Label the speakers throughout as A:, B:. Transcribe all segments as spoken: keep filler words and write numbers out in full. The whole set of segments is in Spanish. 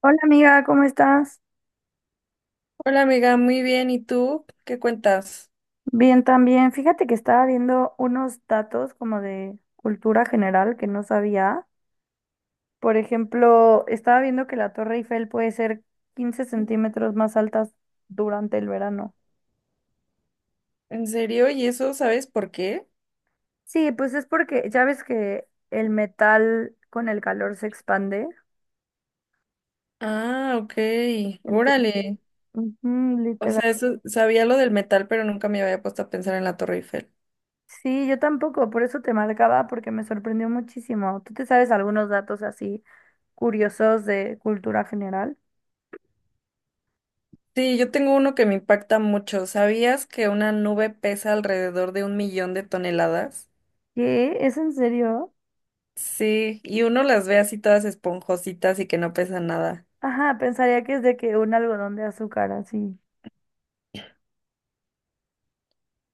A: Hola amiga, ¿cómo estás?
B: Hola amiga, muy bien. ¿Y tú? ¿Qué cuentas?
A: Bien también. Fíjate que estaba viendo unos datos como de cultura general que no sabía. Por ejemplo, estaba viendo que la Torre Eiffel puede ser quince centímetros más altas durante el verano.
B: ¿En serio? ¿Y eso sabes por qué?
A: Sí, pues es porque ya ves que el metal con el calor se expande.
B: Ah, ok.
A: Entonces,
B: Órale.
A: ujú,
B: O
A: literal.
B: sea, eso, sabía lo del metal, pero nunca me había puesto a pensar en la Torre Eiffel.
A: Sí, yo tampoco, por eso te marcaba, porque me sorprendió muchísimo. ¿Tú te sabes algunos datos así curiosos de cultura general?
B: Sí, yo tengo uno que me impacta mucho. ¿Sabías que una nube pesa alrededor de un millón de toneladas?
A: ¿Qué? ¿Es en serio?
B: Sí, y uno las ve así todas esponjositas y que no pesan nada.
A: Ajá, pensaría que es de que un algodón de azúcar así.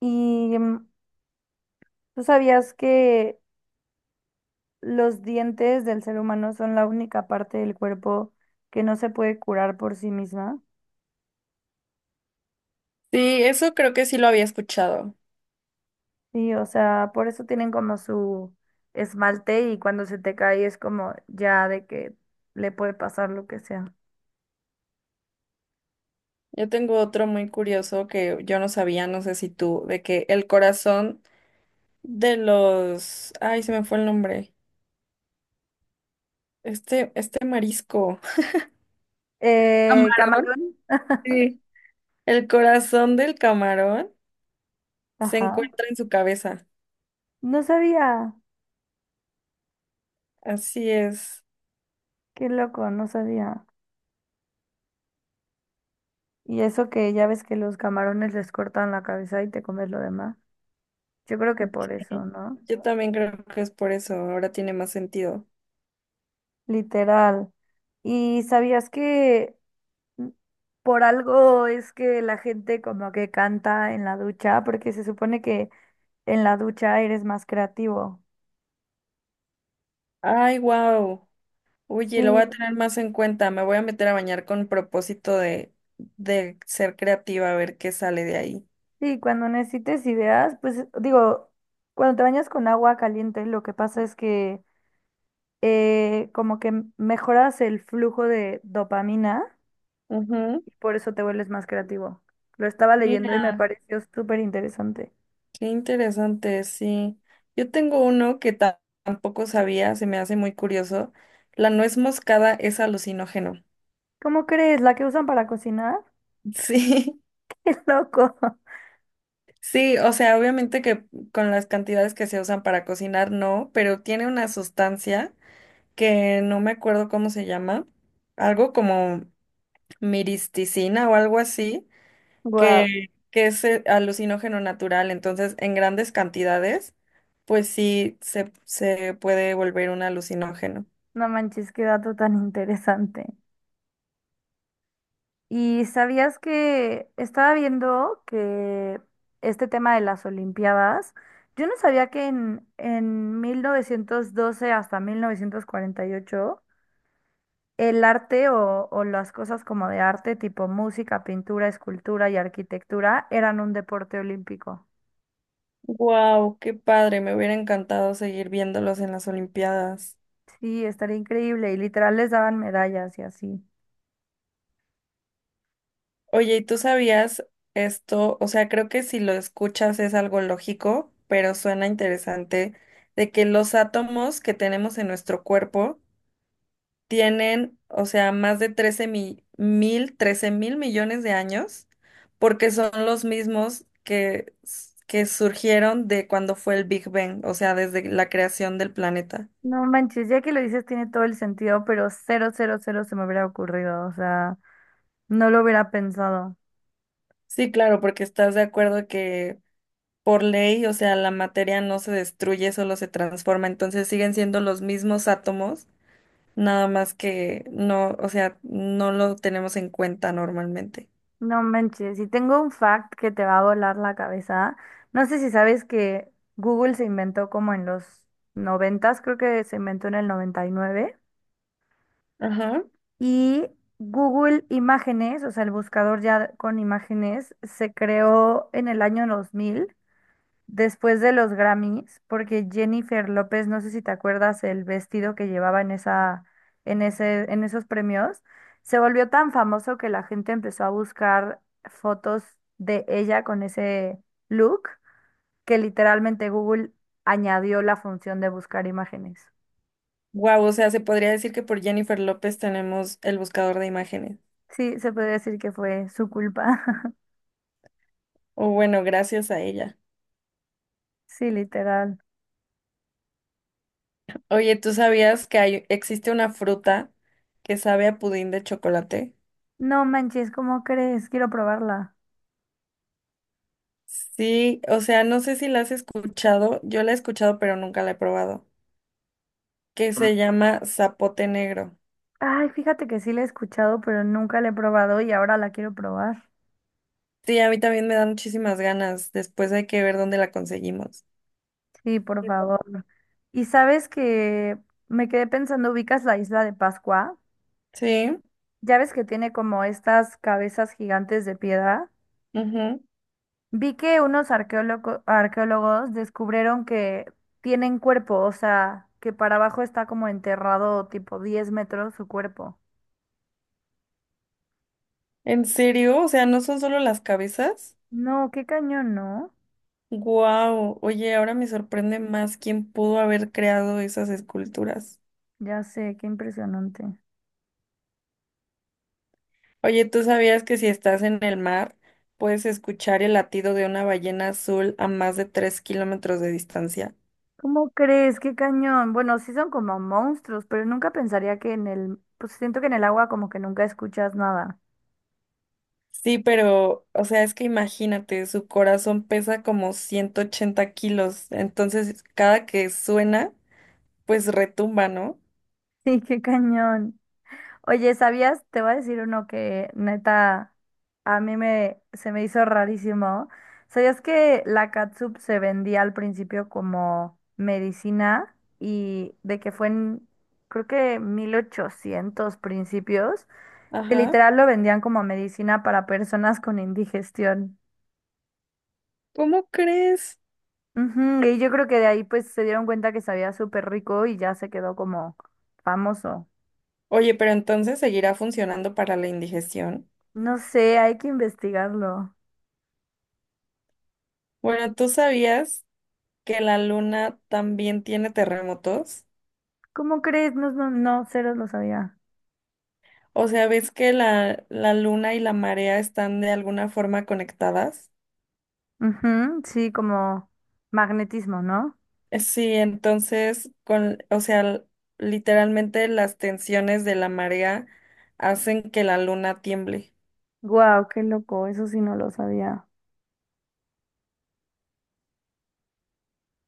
A: ¿Y mm, tú sabías que los dientes del ser humano son la única parte del cuerpo que no se puede curar por sí misma?
B: Sí, eso creo que sí lo había escuchado.
A: Sí, o sea, por eso tienen como su esmalte y cuando se te cae es como ya de que le puede pasar lo que sea.
B: Yo tengo otro muy curioso que yo no sabía, no sé si tú, de que el corazón de los, ay, se me fue el nombre. Este, este marisco.
A: Eh,
B: Camarón.
A: camarón.
B: Sí. El corazón del camarón se
A: Ajá.
B: encuentra en su cabeza.
A: No sabía.
B: Así es.
A: Qué loco, no sabía. Y eso que ya ves que los camarones les cortan la cabeza y te comes lo demás. Yo creo que por eso,
B: Sí.
A: ¿no?
B: Yo también creo que es por eso. Ahora tiene más sentido.
A: Literal. ¿Y sabías que n- por algo es que la gente como que canta en la ducha? Porque se supone que en la ducha eres más creativo.
B: Ay, wow. Oye, lo voy a
A: Sí,
B: tener más en cuenta. Me voy a meter a bañar con propósito de, de ser creativa, a ver qué sale de ahí.
A: sí, cuando necesites ideas, pues digo, cuando te bañas con agua caliente, lo que pasa es que eh, como que m- mejoras el flujo de dopamina.
B: Ujú.
A: Y por eso te vuelves más creativo. Lo estaba leyendo y me
B: Mira.
A: pareció súper interesante.
B: Qué interesante, sí. Yo tengo uno que ta- tampoco sabía, se me hace muy curioso. La nuez moscada es alucinógeno.
A: ¿Cómo crees? ¿La que usan para cocinar?
B: Sí,
A: ¡Qué loco!
B: sí, o sea, obviamente que con las cantidades que se usan para cocinar, no, pero tiene una sustancia que no me acuerdo cómo se llama, algo como miristicina o algo así,
A: Wow.
B: que, que es eh, alucinógeno natural, entonces en grandes cantidades, pues sí, se, se puede volver un alucinógeno.
A: No manches, qué dato tan interesante. ¿Y sabías que estaba viendo que este tema de las Olimpiadas, yo no sabía que en, en mil novecientos doce hasta mil novecientos cuarenta y ocho el arte o, o las cosas como de arte, tipo música, pintura, escultura y arquitectura, eran un deporte olímpico.
B: Wow, qué padre, me hubiera encantado seguir viéndolos en las Olimpiadas.
A: Sí, estaría increíble. Y literal les daban medallas y así.
B: Oye, ¿y tú sabías esto? O sea, creo que si lo escuchas es algo lógico, pero suena interesante, de que los átomos que tenemos en nuestro cuerpo tienen, o sea, más de trece mi- mil, trece mil millones de años, porque son los mismos que, que surgieron de cuando fue el Big Bang, o sea, desde la creación del planeta.
A: No manches, ya que lo dices tiene todo el sentido, pero cero, cero, cero se me hubiera ocurrido. O sea, no lo hubiera pensado.
B: Sí, claro, porque estás de acuerdo que por ley, o sea, la materia no se destruye, solo se transforma, entonces siguen siendo los mismos átomos, nada más que no, o sea, no lo tenemos en cuenta normalmente.
A: No manches, y tengo un fact que te va a volar la cabeza. No sé si sabes que Google se inventó como en los noventas, creo que se inventó en el noventa Y nueve
B: Ajá.
A: y Google Imágenes, o sea, el buscador ya con imágenes, se creó en el año dos mil después de los Grammys, porque Jennifer López, no sé si te acuerdas el vestido que llevaba en esa, en ese, en esos premios, se volvió tan famoso que la gente empezó a buscar fotos de ella con ese look, que literalmente Google añadió la función de buscar imágenes.
B: Wow, o sea, se podría decir que por Jennifer López tenemos el buscador de imágenes.
A: Sí, se puede decir que fue su culpa.
B: O bueno, gracias a ella.
A: Sí, literal.
B: Oye, ¿tú sabías que hay, existe una fruta que sabe a pudín de chocolate?
A: No manches, ¿cómo crees? Quiero probarla.
B: Sí, o sea, no sé si la has escuchado, yo la he escuchado, pero nunca la he probado, que
A: Mm,
B: se llama zapote negro.
A: Ay, fíjate que sí la he escuchado, pero nunca la he probado y ahora la quiero probar.
B: Sí, a mí también me dan muchísimas ganas. Después hay que ver dónde la conseguimos.
A: Sí, por
B: Sí, por-
A: favor. Y sabes que me quedé pensando, ¿ubicas la isla de Pascua?
B: Sí,
A: Ya ves que tiene como estas cabezas gigantes de piedra.
B: ujú.
A: Vi que unos arqueólogo- arqueólogos descubrieron que tienen cuerpo, o sea, que para abajo está como enterrado tipo diez metros su cuerpo.
B: ¿En serio? O sea, ¿no son solo las cabezas?
A: No, qué cañón, ¿no?
B: Wow. Oye, ahora me sorprende más quién pudo haber creado esas esculturas.
A: Ya sé, qué impresionante.
B: Oye, ¿tú sabías que si estás en el mar, puedes escuchar el latido de una ballena azul a más de tres kilómetros de distancia?
A: ¿Cómo crees? Qué cañón. Bueno, sí son como monstruos, pero nunca pensaría que en el, pues siento que en el agua como que nunca escuchas nada.
B: Sí, pero, o sea, es que imagínate, su corazón pesa como ciento ochenta kilos, entonces cada que suena pues retumba, ¿no?
A: Sí, qué cañón. Oye, ¿sabías? Te voy a decir uno que neta a mí me se me hizo rarísimo. ¿Sabías que la catsup se vendía al principio como medicina y de que fue en creo que mil ochocientos principios, que
B: Ajá.
A: literal lo vendían como medicina para personas con indigestión?
B: ¿Cómo crees?
A: Ujú, y yo creo que de ahí pues se dieron cuenta que sabía súper rico y ya se quedó como famoso.
B: Oye, pero entonces seguirá funcionando para la indigestión.
A: No sé, hay que investigarlo.
B: Bueno, ¿tú sabías que la luna también tiene terremotos?
A: ¿Cómo crees? No, no, no, cero lo sabía.
B: O sea, ¿ves que la, la luna y la marea están de alguna forma conectadas?
A: Ujú, sí, como magnetismo, ¿no?
B: Eh, Sí, entonces, con, o sea, l- literalmente las tensiones de la marea hacen que la luna tiemble.
A: Guau, qué loco, eso sí no lo sabía.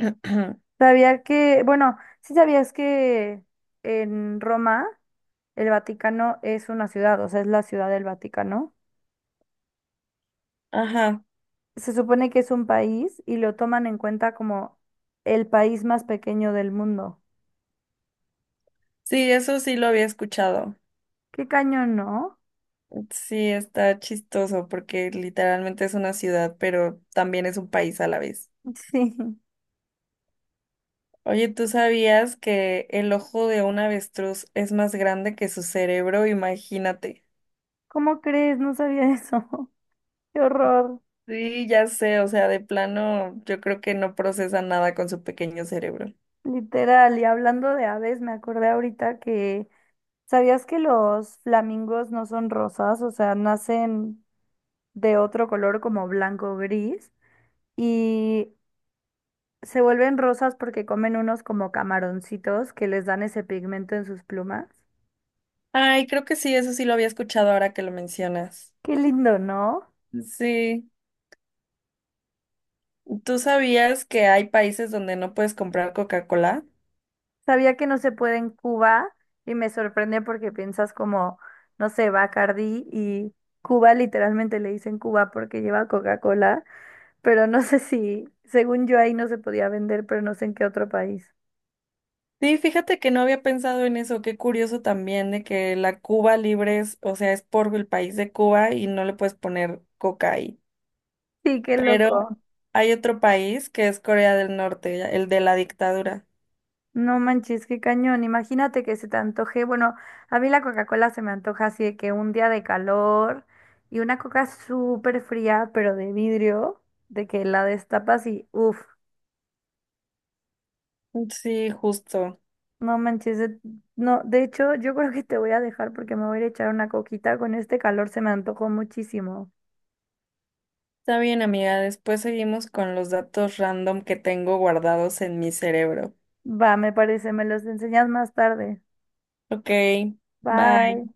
A: Sabía que, bueno, sí sabías que en Roma el Vaticano es una ciudad, o sea, es la ciudad del Vaticano.
B: Ajá.
A: Se supone que es un país y lo toman en cuenta como el país más pequeño del mundo.
B: Sí, eso sí lo había escuchado.
A: Qué cañón, ¿no?
B: Sí, está chistoso porque literalmente es una ciudad, pero también es un país a la vez.
A: Sí.
B: Oye, ¿tú sabías que el ojo de un avestruz es más grande que su cerebro? Imagínate.
A: ¿Cómo crees? No sabía eso. Qué horror.
B: Sí, ya sé, o sea, de plano yo creo que no procesa nada con su pequeño cerebro.
A: Literal, y hablando de aves, me acordé ahorita que, ¿sabías que los flamingos no son rosas? O sea, nacen de otro color como blanco o gris y se vuelven rosas porque comen unos como camaroncitos que les dan ese pigmento en sus plumas.
B: Ay, creo que sí, eso sí lo había escuchado ahora que lo mencionas.
A: Qué lindo, ¿no?
B: Sí, ¿tú sabías que hay países donde no puedes comprar Coca-Cola?
A: Sabía que no se puede en Cuba y me sorprende porque piensas como, no sé, Bacardi y Cuba literalmente le dicen Cuba porque lleva Coca-Cola. Pero no sé si, según yo ahí no se podía vender, pero no sé en qué otro país.
B: Sí, fíjate que no había pensado en eso, qué curioso también de que la Cuba libre es, o sea, es por el país de Cuba y no le puedes poner coca ahí.
A: Sí, qué
B: Pero
A: loco.
B: hay otro país que es Corea del Norte, el de la dictadura.
A: No manches, qué cañón. Imagínate que se te antoje. Bueno, a mí la Coca-Cola se me antoja así de que un día de calor y una coca súper fría, pero de vidrio, de que la destapas y uff,
B: Sí, justo.
A: no manches. de- No, de hecho, yo creo que te voy a dejar porque me voy a ir a echar una coquita. Con este calor se me antojó muchísimo.
B: Está bien, amiga, después seguimos con los datos random que tengo guardados en mi cerebro.
A: Va, me parece, me los enseñas más tarde.
B: Ok, bye.
A: Bye.